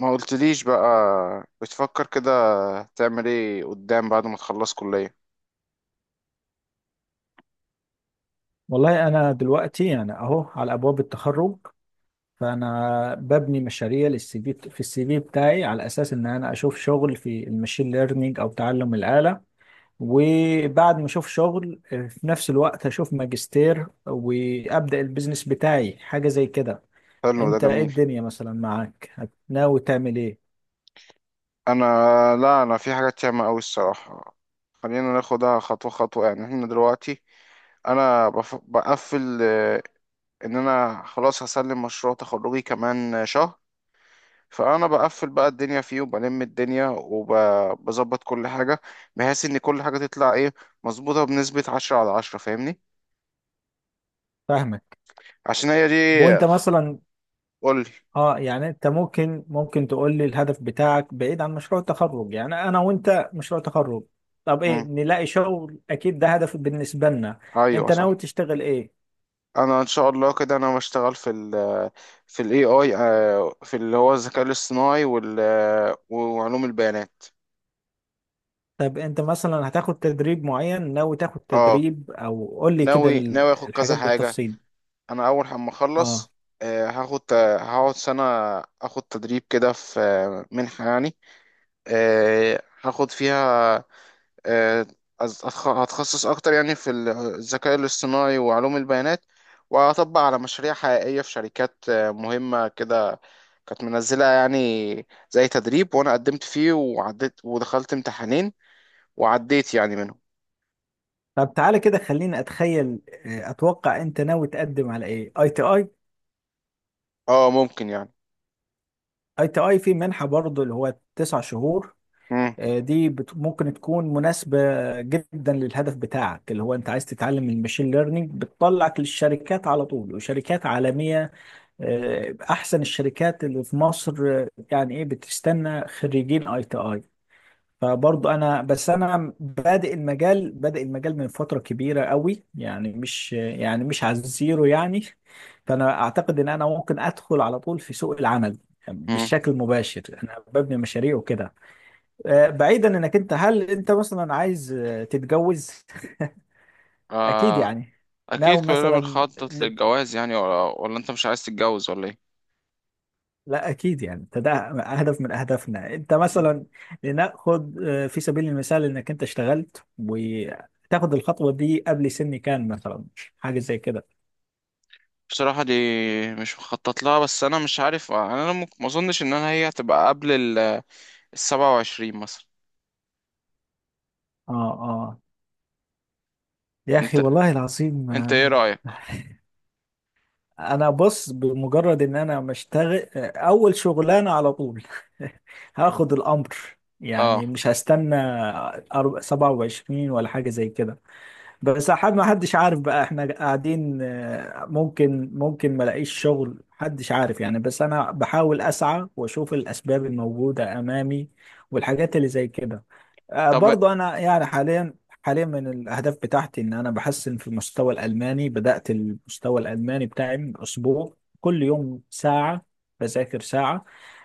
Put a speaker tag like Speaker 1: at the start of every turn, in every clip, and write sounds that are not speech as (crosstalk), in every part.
Speaker 1: ما قلتليش بقى. بتفكر كده؟ تعمل ايه قدام بعد ما تخلص كلية؟
Speaker 2: والله أنا دلوقتي يعني أهو على أبواب التخرج. فأنا ببني مشاريع للسي في في السي في بتاعي على أساس إن أنا أشوف شغل في المشين ليرنينج أو تعلم الآلة. وبعد ما أشوف شغل في نفس الوقت أشوف ماجستير وأبدأ البيزنس بتاعي حاجة زي كده.
Speaker 1: حلو، ده
Speaker 2: أنت إيه
Speaker 1: جميل.
Speaker 2: الدنيا مثلا معاك؟ ناوي تعمل إيه؟
Speaker 1: انا لا، انا في حاجات ياما قوي، الصراحة. خلينا ناخدها خطوة خطوة يعني، احنا دلوقتي. انا بقفل، ان انا خلاص هسلم مشروع تخرجي كمان شهر. فانا بقفل بقى الدنيا فيه، وبلم الدنيا، وبظبط كل حاجة، بحيث ان كل حاجة تطلع ايه مظبوطة بنسبة 10/10، فاهمني.
Speaker 2: فاهمك.
Speaker 1: عشان هي دي.
Speaker 2: وأنت مثلا؟
Speaker 1: قولي.
Speaker 2: اه يعني انت ممكن تقول لي الهدف بتاعك بعيد عن مشروع التخرج؟ يعني انا وانت مشروع تخرج، طب ايه؟
Speaker 1: مم.
Speaker 2: نلاقي شغل، اكيد ده هدف بالنسبة لنا.
Speaker 1: ايوه،
Speaker 2: انت ناوي
Speaker 1: صح.
Speaker 2: تشتغل ايه؟
Speaker 1: انا ان شاء الله كده، انا بشتغل في الاي اي، في اللي هو الذكاء الاصطناعي وال آه، وعلوم البيانات.
Speaker 2: طب انت مثلا هتاخد تدريب معين؟ ناوي تاخد
Speaker 1: اه،
Speaker 2: تدريب او قول لي كده
Speaker 1: ناوي ناوي اخد كذا
Speaker 2: الحاجات
Speaker 1: حاجه.
Speaker 2: بالتفصيل.
Speaker 1: انا اول ما
Speaker 2: اه.
Speaker 1: اخلص، آه، هاخد هقعد سنه، اخد تدريب كده في آه، منحه يعني، هاخد فيها. آه، هتخصص اكتر يعني الذكاء الاصطناعي وعلوم البيانات. وهطبق على مشاريع حقيقيه في شركات مهمه كده، كانت منزلة يعني، زي تدريب، وانا قدمت فيه وعديت، ودخلت امتحانين وعديت يعني منهم.
Speaker 2: طب تعالى كده خليني اتخيل. اتوقع انت ناوي تقدم على ايه اي تي اي.
Speaker 1: اه، ممكن يعني.
Speaker 2: اي تي اي في منحة برضه اللي هو 9 شهور.
Speaker 1: مم.
Speaker 2: دي ممكن تكون مناسبة جدا للهدف بتاعك، اللي هو انت عايز تتعلم الماشين ليرنينج، بتطلعك للشركات على طول وشركات عالمية. احسن الشركات اللي في مصر. يعني ايه، بتستنى خريجين اي تي اي. فبرضو انا، بس انا بادئ المجال من فترة كبيرة قوي، يعني مش يعني مش على الزيرو يعني. فانا اعتقد ان انا ممكن ادخل على طول في سوق العمل
Speaker 1: مم.
Speaker 2: بالشكل المباشر، انا ببني مشاريع وكده. بعيدا، انك انت هل انت مثلا عايز تتجوز؟ (laughs) اكيد
Speaker 1: آه.
Speaker 2: يعني،
Speaker 1: اكيد
Speaker 2: ناوي
Speaker 1: كلنا
Speaker 2: مثلا،
Speaker 1: بنخطط للجواز يعني، ولا انت مش عايز تتجوز ولا ايه؟
Speaker 2: لا اكيد يعني، ده هدف من اهدافنا. انت
Speaker 1: مم.
Speaker 2: مثلا؟ لناخد في سبيل المثال، انك انت اشتغلت وتاخد الخطوه دي قبل سن كان مثلا، حاجه زي كده.
Speaker 1: بصراحة، دي مش مخطط لها، بس انا مش عارف، يعني انا ممكن ما اظنش ان انا هي هتبقى قبل ال 27 مثلا.
Speaker 2: اه، اه، يا اخي
Speaker 1: انت
Speaker 2: والله العظيم.
Speaker 1: انت ايه
Speaker 2: آه.
Speaker 1: رأيك؟
Speaker 2: (laughs) انا بص، بمجرد ان انا مشتغل اول شغلانه على طول، (laughs) هاخد الامر،
Speaker 1: اه،
Speaker 2: يعني مش هستنى 27 ولا حاجه زي كده. بس حد ما حدش عارف بقى، احنا قاعدين، ممكن ما الاقيش شغل، محدش عارف يعني، بس انا بحاول اسعى واشوف الاسباب الموجودة امامي والحاجات اللي زي كده.
Speaker 1: طب.
Speaker 2: برضو انا يعني حاليا من الاهداف بتاعتي ان انا بحسن في المستوى الالماني. بدأت المستوى الالماني بتاعي من اسبوع، كل يوم ساعة، بذاكر ساعة،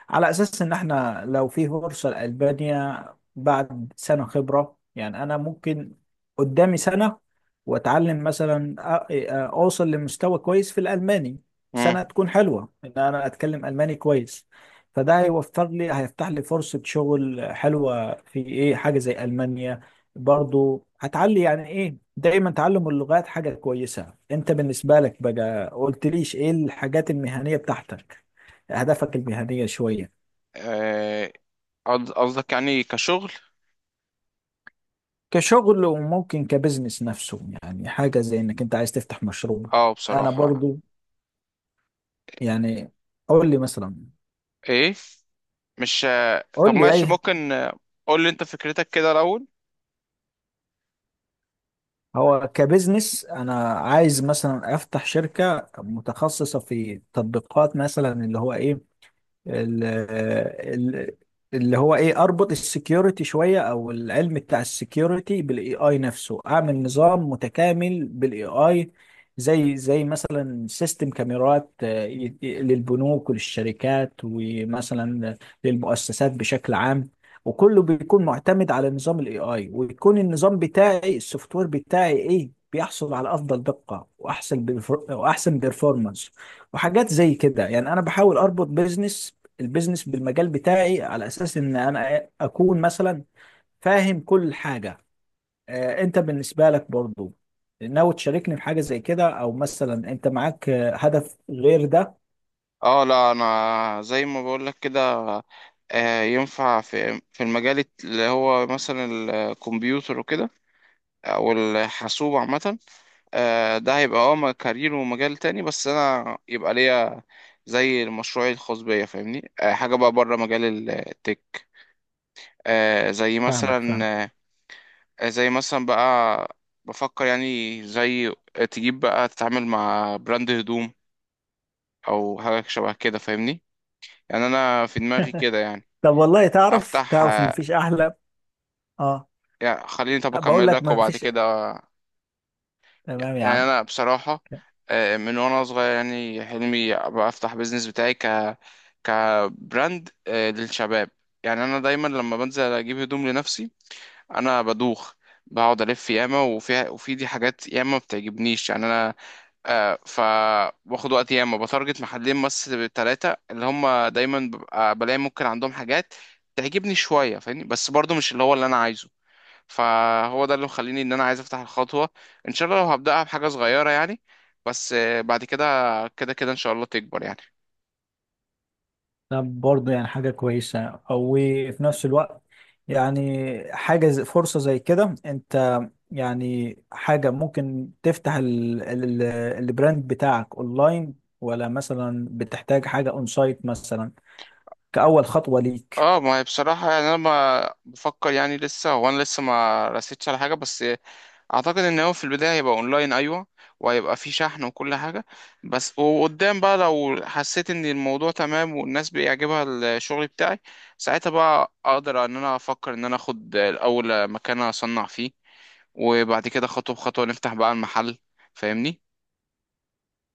Speaker 2: على اساس ان احنا لو في فرصة لألبانيا بعد سنة خبرة، يعني انا ممكن، قدامي سنة واتعلم مثلا اوصل لمستوى كويس في الالماني.
Speaker 1: مم.
Speaker 2: سنه تكون حلوه ان انا اتكلم الماني كويس، فده هيوفر لي، هيفتح لي فرصه شغل حلوه في ايه، حاجه زي المانيا. برضو هتعلي، يعني ايه، دايما تعلم اللغات حاجه كويسه. انت بالنسبه لك بقى؟ قلتليش ايه الحاجات المهنيه بتاعتك، اهدافك المهنيه شويه.
Speaker 1: آه، قصدك يعني كشغل؟
Speaker 2: كشغل وممكن كبزنس نفسه، يعني حاجه زي انك انت عايز تفتح مشروع.
Speaker 1: اه،
Speaker 2: انا
Speaker 1: بصراحة.
Speaker 2: برضو، يعني قول لي مثلا،
Speaker 1: ايه مش طب،
Speaker 2: قول لي
Speaker 1: ماشي،
Speaker 2: اي.
Speaker 1: ممكن قول لي انت فكرتك كده الاول؟
Speaker 2: هو كبزنس انا عايز مثلا افتح شركة متخصصة في تطبيقات مثلا اللي هو ايه ال- ال- اللي هو ايه، اربط السكيورتي شويه او العلم بتاع السكيورتي بالاي اي نفسه، اعمل نظام متكامل بالاي اي، زي مثلا سيستم كاميرات للبنوك وللشركات ومثلا للمؤسسات بشكل عام. وكله بيكون معتمد على نظام الاي اي، ويكون النظام بتاعي، السوفت وير بتاعي ايه، بيحصل على افضل دقه واحسن واحسن بيرفورمانس وحاجات زي كده. يعني انا بحاول اربط البيزنس بالمجال بتاعي، على اساس ان انا اكون مثلا فاهم كل حاجه. انت بالنسبه لك برضو ناوي تشاركني في حاجه زي كده، او مثلا انت معاك هدف غير ده؟
Speaker 1: اه، لا انا زي ما بقول لك كده. ينفع في المجال اللي هو مثلا الكمبيوتر وكده، او الحاسوب عامه. ده هيبقى كارير ومجال تاني، بس انا يبقى ليا زي المشروع الخاص بيا، فاهمني. حاجه بقى بره مجال التك. آه، زي
Speaker 2: فاهمك فاهم.
Speaker 1: مثلا زي مثلا بقى، بفكر يعني، زي تجيب بقى تتعامل مع براند هدوم، او حاجه شبه كده، فاهمني، يعني انا في دماغي كده، يعني.
Speaker 2: طب والله، تعرف
Speaker 1: افتح،
Speaker 2: تعرف مفيش احلى. اه،
Speaker 1: يعني خليني، طب
Speaker 2: بقول
Speaker 1: اكمل
Speaker 2: لك
Speaker 1: لك وبعد
Speaker 2: مفيش،
Speaker 1: كده.
Speaker 2: تمام يا
Speaker 1: يعني
Speaker 2: عم.
Speaker 1: انا بصراحه، من وانا صغير، يعني حلمي ابقى افتح بيزنس بتاعي، كبراند للشباب. يعني انا دايما لما بنزل اجيب هدوم لنفسي، انا بدوخ، بقعد الف ياما وفيها، وفي دي حاجات ياما ما بتعجبنيش يعني. انا فباخد وقت ياما، بتارجت محلين بس ثلاثة، اللي هم دايما ببقى بلاقي ممكن عندهم حاجات تعجبني شوية، فاهمني، بس برضو مش اللي هو اللي أنا عايزه. فهو ده اللي مخليني إن أنا عايز أفتح الخطوة، إن شاء الله لو هبدأها بحاجة صغيرة، يعني. بس، بعد كده. كده كده إن شاء الله تكبر، يعني.
Speaker 2: طب برضو يعني حاجه كويسه، او في نفس الوقت، يعني فرصه زي كده، انت يعني حاجة ممكن تفتح البراند بتاعك اونلاين، ولا مثلا بتحتاج حاجة اون سايت مثلا كأول خطوة ليك.
Speaker 1: اه، ما هي بصراحة يعني، أنا ما بفكر يعني لسه. هو أنا لسه ما رسيتش على حاجة، بس اعتقد ان هو في البدايه هيبقى اونلاين، ايوه، وهيبقى فيه شحن وكل حاجه. بس وقدام بقى، لو حسيت ان الموضوع تمام والناس بيعجبها الشغل بتاعي، ساعتها بقى اقدر ان انا افكر ان انا اخد الاول مكان اصنع فيه، وبعد كده خطوه بخطوه نفتح بقى المحل، فاهمني.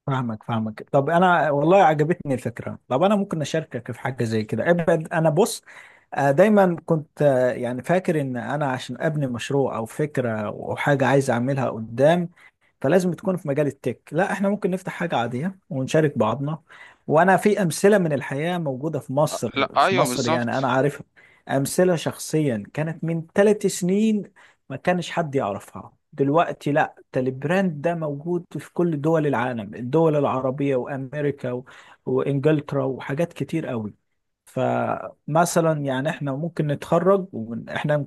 Speaker 2: فاهمك فاهمك. طب انا والله عجبتني الفكرة. طب انا ممكن اشاركك في حاجة زي كده ابعد. انا بص، دايما كنت يعني فاكر ان انا عشان ابني مشروع او فكرة او حاجة عايز اعملها قدام، فلازم تكون في مجال التك. لا، احنا ممكن نفتح حاجة عادية ونشارك بعضنا. وانا في امثلة من الحياة موجودة في مصر،
Speaker 1: لا،
Speaker 2: في
Speaker 1: ايوه،
Speaker 2: مصر، يعني انا
Speaker 1: بالظبط.
Speaker 2: عارفها، امثلة شخصيا، كانت من 3 سنين ما كانش حد يعرفها، دلوقتي لا، ده البراند ده موجود في كل دول العالم، الدول العربية وامريكا و... وانجلترا وحاجات كتير قوي. فمثلا يعني احنا ممكن نتخرج واحنا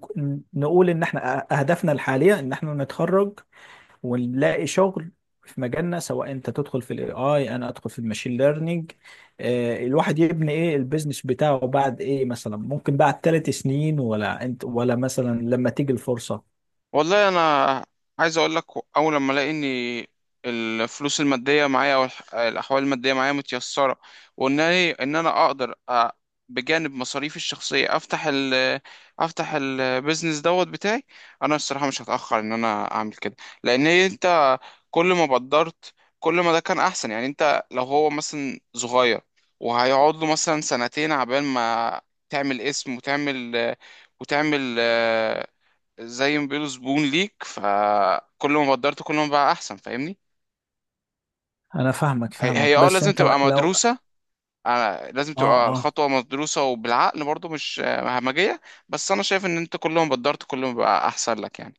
Speaker 2: نقول ان احنا اهدافنا الحالية ان احنا نتخرج ونلاقي شغل في مجالنا، سواء انت تدخل في الاي اي، انا ادخل في الماشين ليرنينج. آه، الواحد يبني ايه البيزنس بتاعه بعد ايه، مثلا ممكن بعد 3 سنين، ولا انت ولا مثلا لما تيجي الفرصة.
Speaker 1: والله، انا عايز اقول لك، اول لما الاقي ان الفلوس الماديه معايا، او الاحوال الماديه معايا متيسره، وان أنا- إيه، ان انا اقدر، بجانب مصاريفي الشخصيه، افتح البيزنس دوت بتاعي. انا الصراحه مش هتاخر ان انا اعمل كده، لان هي انت كل ما بدرت كل ما ده كان احسن يعني. انت لو هو مثلا صغير، وهيقعد له مثلا سنتين عبال ما تعمل اسم، وتعمل وتعمل زي ما بيقولوا زبون ليك. فكل ما قدرت كل ما بقى احسن، فاهمني.
Speaker 2: انا فاهمك
Speaker 1: هي
Speaker 2: فاهمك، بس
Speaker 1: لازم
Speaker 2: انت
Speaker 1: تبقى
Speaker 2: لو،
Speaker 1: مدروسة. لازم
Speaker 2: اه
Speaker 1: تبقى
Speaker 2: اه،
Speaker 1: الخطوة مدروسة وبالعقل برضو، مش همجية. بس انا شايف ان انت كل ما قدرت كل ما بقى احسن لك، يعني.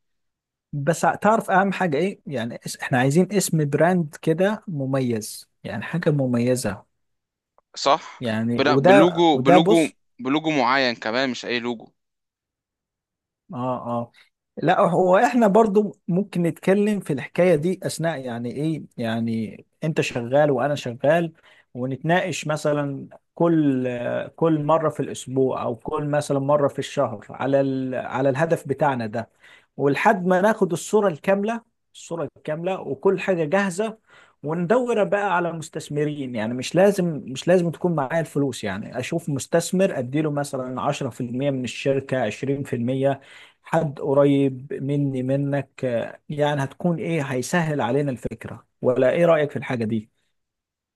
Speaker 2: بس تعرف اهم حاجة ايه، يعني احنا عايزين اسم براند كده مميز، يعني حاجة مميزة،
Speaker 1: صح.
Speaker 2: يعني
Speaker 1: بلا-
Speaker 2: وده
Speaker 1: بلوجو
Speaker 2: وده
Speaker 1: بلوجو
Speaker 2: بص.
Speaker 1: بلوجو معين كمان، مش اي لوجو.
Speaker 2: اه اه. لا، هو احنا برضو ممكن نتكلم في الحكاية دي اثناء، يعني ايه، يعني انت شغال وانا شغال، ونتناقش مثلا، كل كل مرة في الاسبوع او كل مثلا مرة في الشهر على ال... على الهدف بتاعنا ده، ولحد ما ناخد الصورة الكاملة، الصورة الكاملة وكل حاجة جاهزة، وندور بقى على مستثمرين. يعني مش لازم مش لازم تكون معايا الفلوس، يعني اشوف مستثمر اديله مثلا 10% من الشركة، 20%، حد قريب مني منك، يعني هتكون ايه، هيسهل علينا الفكرة، ولا ايه رأيك في الحاجة دي؟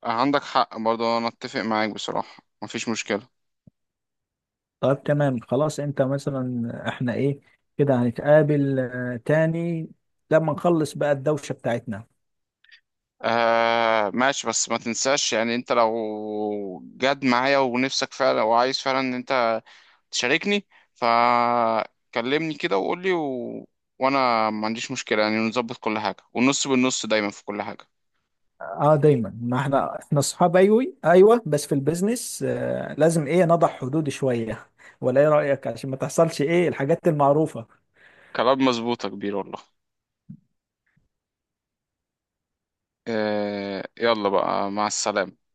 Speaker 1: عندك حق برضو، انا اتفق معاك، بصراحة مفيش مشكلة.
Speaker 2: طيب تمام خلاص. انت مثلا احنا ايه كده، هنتقابل تاني لما نخلص بقى الدوشة بتاعتنا.
Speaker 1: آه، ماشي، بس ما تنساش يعني، انت لو جد معايا ونفسك فعلا وعايز فعلا ان انت تشاركني، فكلمني كده وقول لي، وانا ما عنديش مشكلة، يعني نظبط كل حاجة، والنص بالنص دايما في كل حاجة.
Speaker 2: اه دايما، ما احنا اصحاب، ايوه ايوه، بس في البيزنس لازم ايه نضع حدود شوية، ولا ايه رأيك عشان ما تحصلش ايه الحاجات المعروفة.
Speaker 1: كلام مظبوط يا كبير، والله. يلا بقى، مع السلامة.